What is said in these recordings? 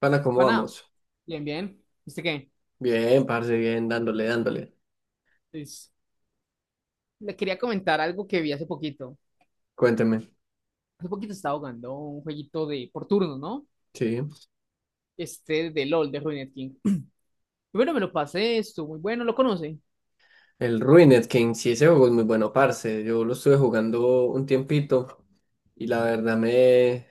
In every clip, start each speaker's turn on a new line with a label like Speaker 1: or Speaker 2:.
Speaker 1: Pana, ¿cómo
Speaker 2: Bueno,
Speaker 1: vamos?
Speaker 2: bien, bien. ¿Viste qué?
Speaker 1: Bien, parce, bien, dándole, dándole.
Speaker 2: Pues, le quería comentar algo que vi hace poquito.
Speaker 1: Cuénteme.
Speaker 2: Hace poquito estaba jugando un jueguito de por turno, ¿no?
Speaker 1: Sí.
Speaker 2: Este de LOL, de Ruined King. Y bueno, me lo pasé, estuvo muy bueno, ¿lo conoce?
Speaker 1: El Ruined King, sí, ese juego es muy bueno, parce. Yo lo estuve jugando un tiempito y la verdad me,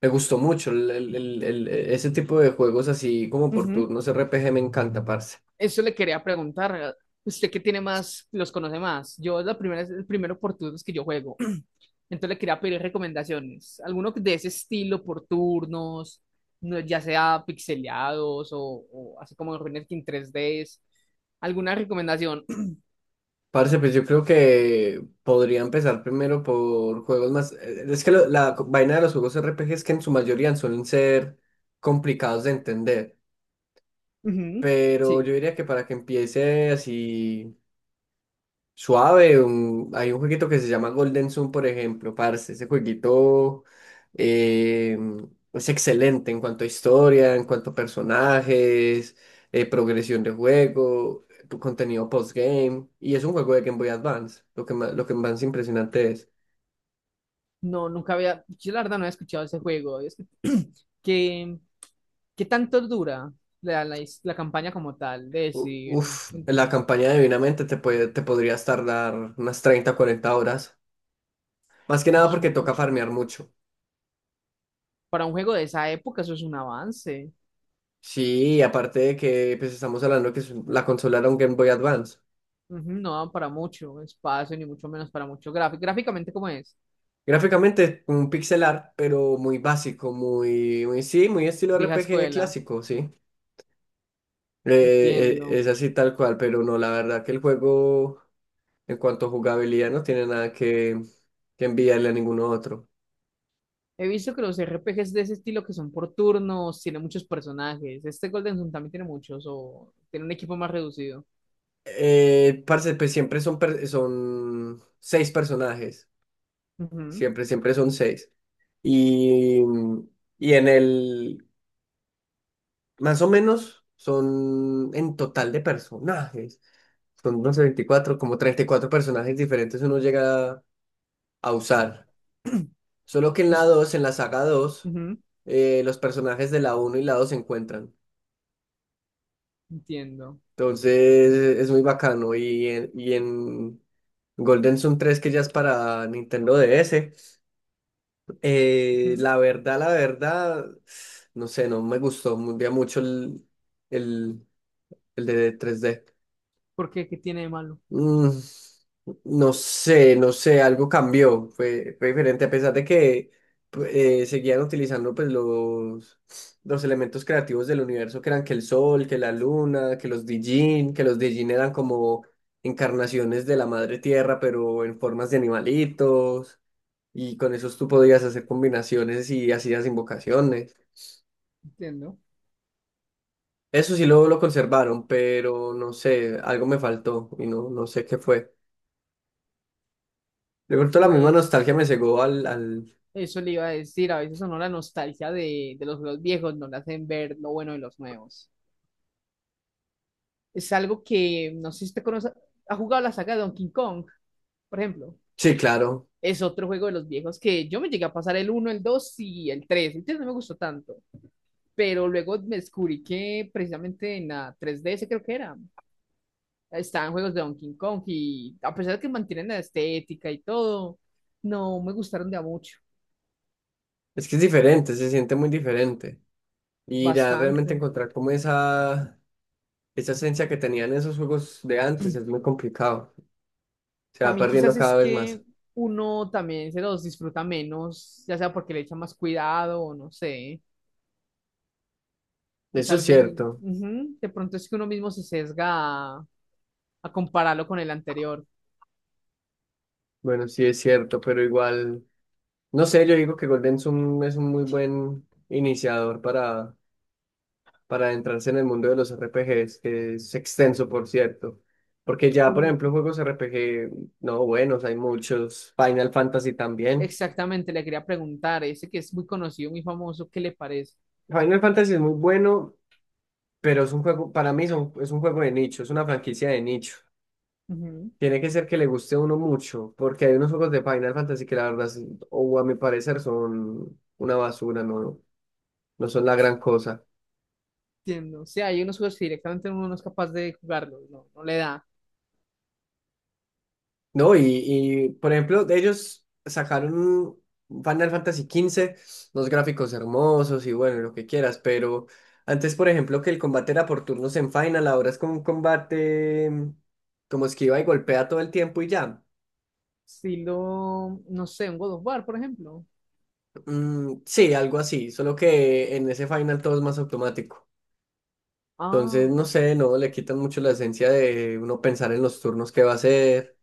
Speaker 1: me gustó mucho. Ese tipo de juegos así como por
Speaker 2: Ujú.
Speaker 1: turnos RPG me encanta, parce.
Speaker 2: Eso le quería preguntar. ¿Usted qué tiene más, los conoce más? Yo es la primera, es el primero por turnos que yo juego. Entonces le quería pedir recomendaciones. Alguno de ese estilo por turnos, ya sea pixeleados o así como en Ruined King tres d. ¿Alguna recomendación?
Speaker 1: Parce, pues yo creo que podría empezar primero por juegos más... Es que vaina de los juegos RPG es que en su mayoría suelen ser complicados de entender.
Speaker 2: Ujú.
Speaker 1: Pero yo
Speaker 2: Sí,
Speaker 1: diría que para que empiece así suave, hay un jueguito que se llama Golden Sun, por ejemplo, parce. Ese jueguito eh, es excelente en cuanto a historia, en cuanto a personajes, progresión de juego, tu contenido postgame, y es un juego de Game Boy Advance, lo que más impresionante es.
Speaker 2: no, nunca había, yo la verdad no había escuchado ese juego. Es que, ¿qué, qué tanto dura la campaña como tal? De decir,
Speaker 1: Uf, en la campaña divinamente te podrías tardar unas 30 40 horas, más que nada
Speaker 2: eso es
Speaker 1: porque toca
Speaker 2: mucho.
Speaker 1: farmear mucho.
Speaker 2: Para un juego de esa época, eso es un avance.
Speaker 1: Sí, aparte de que pues estamos hablando que es la consola era un Game Boy Advance.
Speaker 2: Ujú. No dan para mucho espacio, ni mucho menos para mucho gráfico. Gráficamente, ¿cómo es?
Speaker 1: Gráficamente es un pixel art, pero muy básico, muy, muy sí, muy estilo
Speaker 2: Vieja
Speaker 1: RPG
Speaker 2: escuela,
Speaker 1: clásico, sí.
Speaker 2: entiendo.
Speaker 1: Es así tal cual, pero no, la verdad que el juego, en cuanto a jugabilidad, no tiene nada que enviarle a ninguno otro.
Speaker 2: He visto que los RPGs de ese estilo que son por turnos, tienen muchos personajes. Este Golden Sun también tiene muchos, o tiene un equipo más reducido.
Speaker 1: Parce, pues siempre son son seis personajes,
Speaker 2: Ujú.
Speaker 1: siempre son seis. Y, y en el, más o menos, son en total de personajes. Son unos 24 como 34 personajes diferentes uno llega a usar. Solo que
Speaker 2: Y
Speaker 1: en la saga dos
Speaker 2: Ujú.
Speaker 1: los personajes de la uno y la 2 se encuentran.
Speaker 2: Entiendo.
Speaker 1: Entonces es muy bacano. Y en Golden Sun 3 que ya es para Nintendo DS,
Speaker 2: Ujú.
Speaker 1: la verdad, no sé, no me gustó ya mucho el, el de 3D.
Speaker 2: ¿Por qué? ¿Qué tiene de malo?
Speaker 1: Mm, no sé algo cambió, fue diferente, a pesar de que seguían utilizando pues los elementos creativos del universo, que eran que el sol, que la luna, que los Dijin eran como encarnaciones de la madre tierra, pero en formas de animalitos, y con esos tú podías hacer combinaciones y hacías invocaciones.
Speaker 2: Entiendo.
Speaker 1: Eso sí lo conservaron, pero no sé, algo me faltó y no, no sé qué fue. De pronto la misma nostalgia
Speaker 2: Pues
Speaker 1: me cegó al.
Speaker 2: eso le iba a decir, a veces a uno la nostalgia de los juegos viejos no le hacen ver lo bueno de los nuevos. Es algo que, no sé si usted conoce, ha jugado la saga de Donkey Kong, por ejemplo.
Speaker 1: Sí, claro.
Speaker 2: Es otro juego de los viejos que yo me llegué a pasar el uno el 2 y el tres. El 3 no me gustó tanto, pero luego me descubrí que precisamente en la tres D ds creo que era. Están juegos de Donkey Kong y a pesar de que mantienen la estética y todo, no me gustaron de a mucho,
Speaker 1: Es que es diferente, se siente muy diferente. Y ya realmente
Speaker 2: bastante.
Speaker 1: encontrar como esa esencia que tenían esos juegos de antes es muy complicado. Se va
Speaker 2: También
Speaker 1: perdiendo
Speaker 2: quizás es
Speaker 1: cada vez más.
Speaker 2: que uno también se los disfruta menos, ya sea porque le echa más cuidado o no sé. Es
Speaker 1: Eso es
Speaker 2: algo muy.
Speaker 1: cierto.
Speaker 2: Ujú. De pronto es que uno mismo se sesga a compararlo con el anterior.
Speaker 1: Bueno, sí es cierto, pero igual... No sé, yo digo que Golden es un muy buen iniciador para adentrarse en el mundo de los RPGs, que es extenso, por cierto. Porque ya, por
Speaker 2: Un.
Speaker 1: ejemplo, juegos RPG, no buenos, hay muchos. Final Fantasy también.
Speaker 2: Exactamente, le quería preguntar, ese que es muy conocido, muy famoso, ¿qué le parece?
Speaker 1: Final Fantasy es muy bueno, pero es un juego, para mí es un juego de nicho, es una franquicia de nicho.
Speaker 2: Ujú.
Speaker 1: Tiene que ser que le guste a uno mucho, porque hay unos juegos de Final Fantasy que la verdad, o a mi parecer, son una basura, no, no son la gran cosa.
Speaker 2: Entiendo. O sea, hay unos juegos que directamente uno no es capaz de jugarlos, no, no le da.
Speaker 1: No, por ejemplo, de ellos sacaron un Final Fantasy 15. Los gráficos hermosos y bueno, lo que quieras, pero antes, por ejemplo, que el combate era por turnos en Final, ahora es como un combate como esquiva y golpea todo el tiempo y ya.
Speaker 2: Estilo, no sé, un God of War, por ejemplo.
Speaker 1: Mm, sí, algo así, solo que en ese Final todo es más automático. Entonces,
Speaker 2: Ah,
Speaker 1: no sé, no le quitan mucho la esencia de uno pensar en los turnos que va a hacer.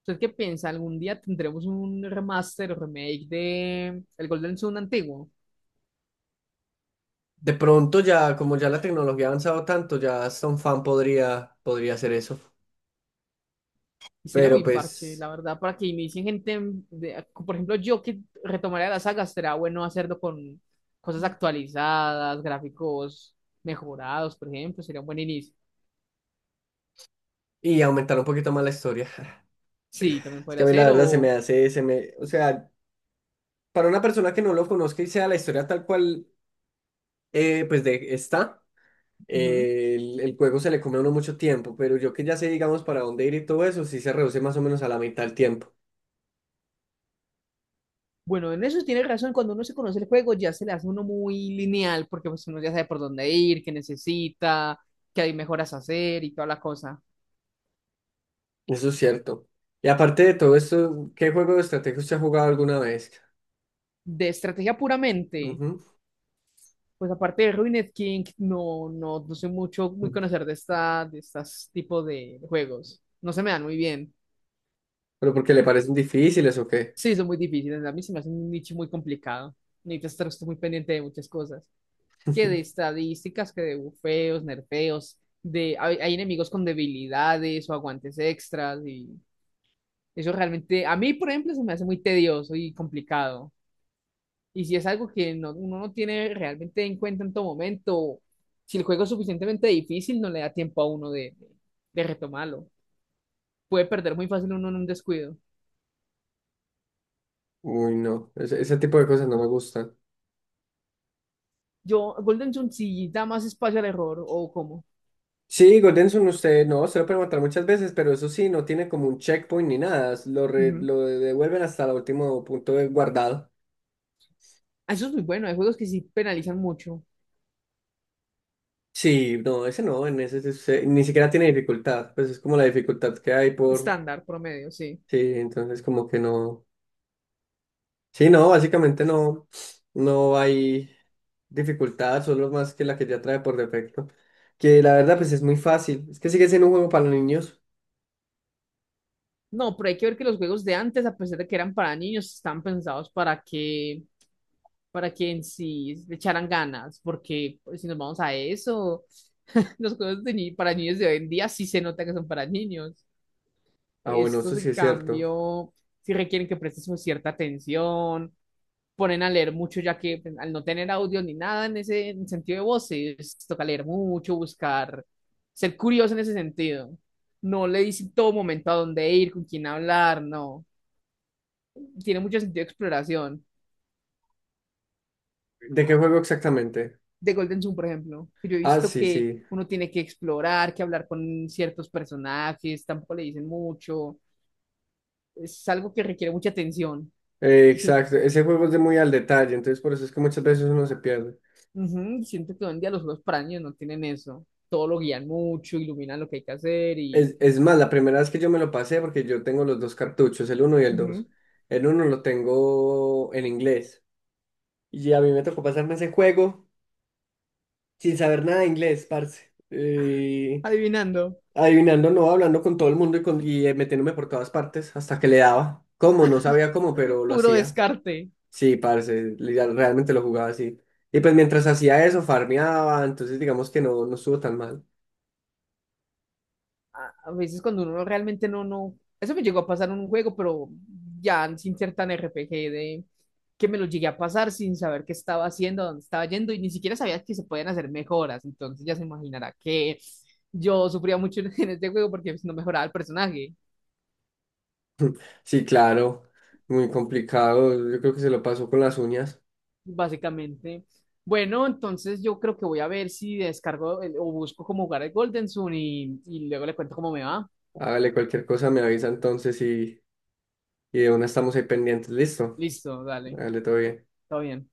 Speaker 2: ¿usted qué piensa? ¿Algún día tendremos un remaster o remake de el Golden Sun antiguo?
Speaker 1: De pronto ya, como ya la tecnología ha avanzado tanto, ya hasta un fan podría hacer eso.
Speaker 2: Y sería
Speaker 1: Pero
Speaker 2: muy parche,
Speaker 1: pues,
Speaker 2: la verdad, para que inicien gente, por ejemplo, yo que retomaría la saga, será bueno hacerlo con cosas actualizadas, gráficos mejorados, por ejemplo, sería un buen inicio.
Speaker 1: y aumentar un poquito más la historia.
Speaker 2: Sí, también
Speaker 1: Es que a
Speaker 2: podría
Speaker 1: mí la
Speaker 2: ser,
Speaker 1: verdad se me
Speaker 2: o.
Speaker 1: hace, se me, o sea, para una persona que no lo conozca y sea la historia tal cual, pues de está,
Speaker 2: Ujú.
Speaker 1: el juego se le come a uno mucho tiempo, pero yo que ya sé, digamos, para dónde ir y todo eso, sí se reduce más o menos a la mitad del tiempo.
Speaker 2: Bueno, en eso tiene razón, cuando uno se conoce el juego ya se le hace uno muy lineal, porque pues uno ya sabe por dónde ir, qué necesita, qué hay mejoras a hacer y toda la cosa.
Speaker 1: Eso es cierto. Y aparte de todo esto, ¿qué juego de estrategia usted ha jugado alguna vez?
Speaker 2: De estrategia puramente,
Speaker 1: Ujú.
Speaker 2: pues aparte de Ruined King, no, no, no soy mucho, muy conocer de esta, de estos tipos de juegos. No se me dan muy bien.
Speaker 1: ¿Pero porque le parecen difíciles o qué?
Speaker 2: Sí, son muy difíciles, a mí se me hace un nicho muy complicado. Necesitas estar muy pendiente de muchas cosas, que de estadísticas, que de bufeos, nerfeos, de hay enemigos con debilidades o aguantes extras y eso realmente a mí, por ejemplo, se me hace muy tedioso y complicado. Y si es algo que no, uno no tiene realmente en cuenta en todo momento, si el juego es suficientemente difícil, no le da tiempo a uno de retomarlo. Puede perder muy fácil uno en un descuido.
Speaker 1: Uy, no, ese tipo de cosas no me gustan.
Speaker 2: ¿Yo, Golden Sun sí da más espacio al error o cómo?
Speaker 1: Sí, Golden Sun, usted no, se lo puede matar muchas veces, pero eso sí, no tiene como un checkpoint ni nada.
Speaker 2: Ujú.
Speaker 1: Lo devuelven hasta el último punto de guardado.
Speaker 2: Eso es muy bueno. Hay juegos que sí penalizan mucho.
Speaker 1: Sí, no, ese no, en ese, ni siquiera tiene dificultad. Pues es como la dificultad que hay por.
Speaker 2: Estándar, promedio, sí.
Speaker 1: Sí, entonces como que no. Sí, no, básicamente no. No hay dificultad, solo más que la que ya trae por defecto. Que la verdad, pues es muy fácil. Es que sigue siendo un juego para niños.
Speaker 2: No, pero hay que ver que los juegos de antes, a pesar de que eran para niños, están pensados para que en sí le echaran ganas, porque pues, si nos vamos a eso, los juegos de para niños de hoy en día sí se nota que son para niños.
Speaker 1: Ah, bueno, eso
Speaker 2: Estos,
Speaker 1: sí
Speaker 2: en
Speaker 1: es cierto.
Speaker 2: cambio, sí requieren que prestes una cierta atención, ponen a leer mucho, ya que pues, al no tener audio ni nada en sentido de voces, toca leer mucho, buscar, ser curioso en ese sentido. No le dicen todo momento a dónde ir, con quién hablar, no. Tiene mucho sentido de exploración.
Speaker 1: ¿De qué juego exactamente?
Speaker 2: De Golden Sun, por ejemplo, que yo he
Speaker 1: Ah,
Speaker 2: visto
Speaker 1: sí,
Speaker 2: que
Speaker 1: sí.
Speaker 2: uno tiene que explorar, que hablar con ciertos personajes, tampoco le dicen mucho. Es algo que requiere mucha atención. Dicen.
Speaker 1: Exacto, ese juego es de muy al detalle, entonces por eso es que muchas veces uno se pierde.
Speaker 2: Ujú. Siento que hoy en día los juegos para niños no tienen eso. Todo lo guían mucho, iluminan lo que hay que hacer y.
Speaker 1: Es más, la primera vez que yo me lo pasé, porque yo tengo los dos cartuchos, el uno y el
Speaker 2: Ujú.
Speaker 1: 2. El uno lo tengo en inglés. Y a mí me tocó pasarme ese juego sin saber nada de inglés, parce.
Speaker 2: Adivinando.
Speaker 1: Adivinando, no, hablando con todo el mundo y metiéndome por todas partes hasta que le daba. ¿Cómo? No sabía cómo, pero lo
Speaker 2: Puro
Speaker 1: hacía.
Speaker 2: descarte.
Speaker 1: Sí, parce, realmente lo jugaba así. Y pues mientras hacía eso, farmeaba, entonces digamos que no, no estuvo tan mal.
Speaker 2: A veces cuando uno realmente no, no. Eso me llegó a pasar en un juego, pero ya sin ser tan RPG de, que me lo llegué a pasar sin saber qué estaba haciendo, dónde estaba yendo y ni siquiera sabía que se podían hacer mejoras. Entonces ya se imaginará que yo sufría mucho en este juego porque pues, no mejoraba el personaje.
Speaker 1: Sí, claro, muy complicado. Yo creo que se lo pasó con las uñas.
Speaker 2: Básicamente. Bueno, entonces yo creo que voy a ver si descargo o busco cómo jugar el Golden Sun y luego le cuento cómo me va.
Speaker 1: Hágale cualquier cosa, me avisa entonces y de una estamos ahí pendientes. Listo,
Speaker 2: Listo, dale,
Speaker 1: hágale todo bien.
Speaker 2: todo bien.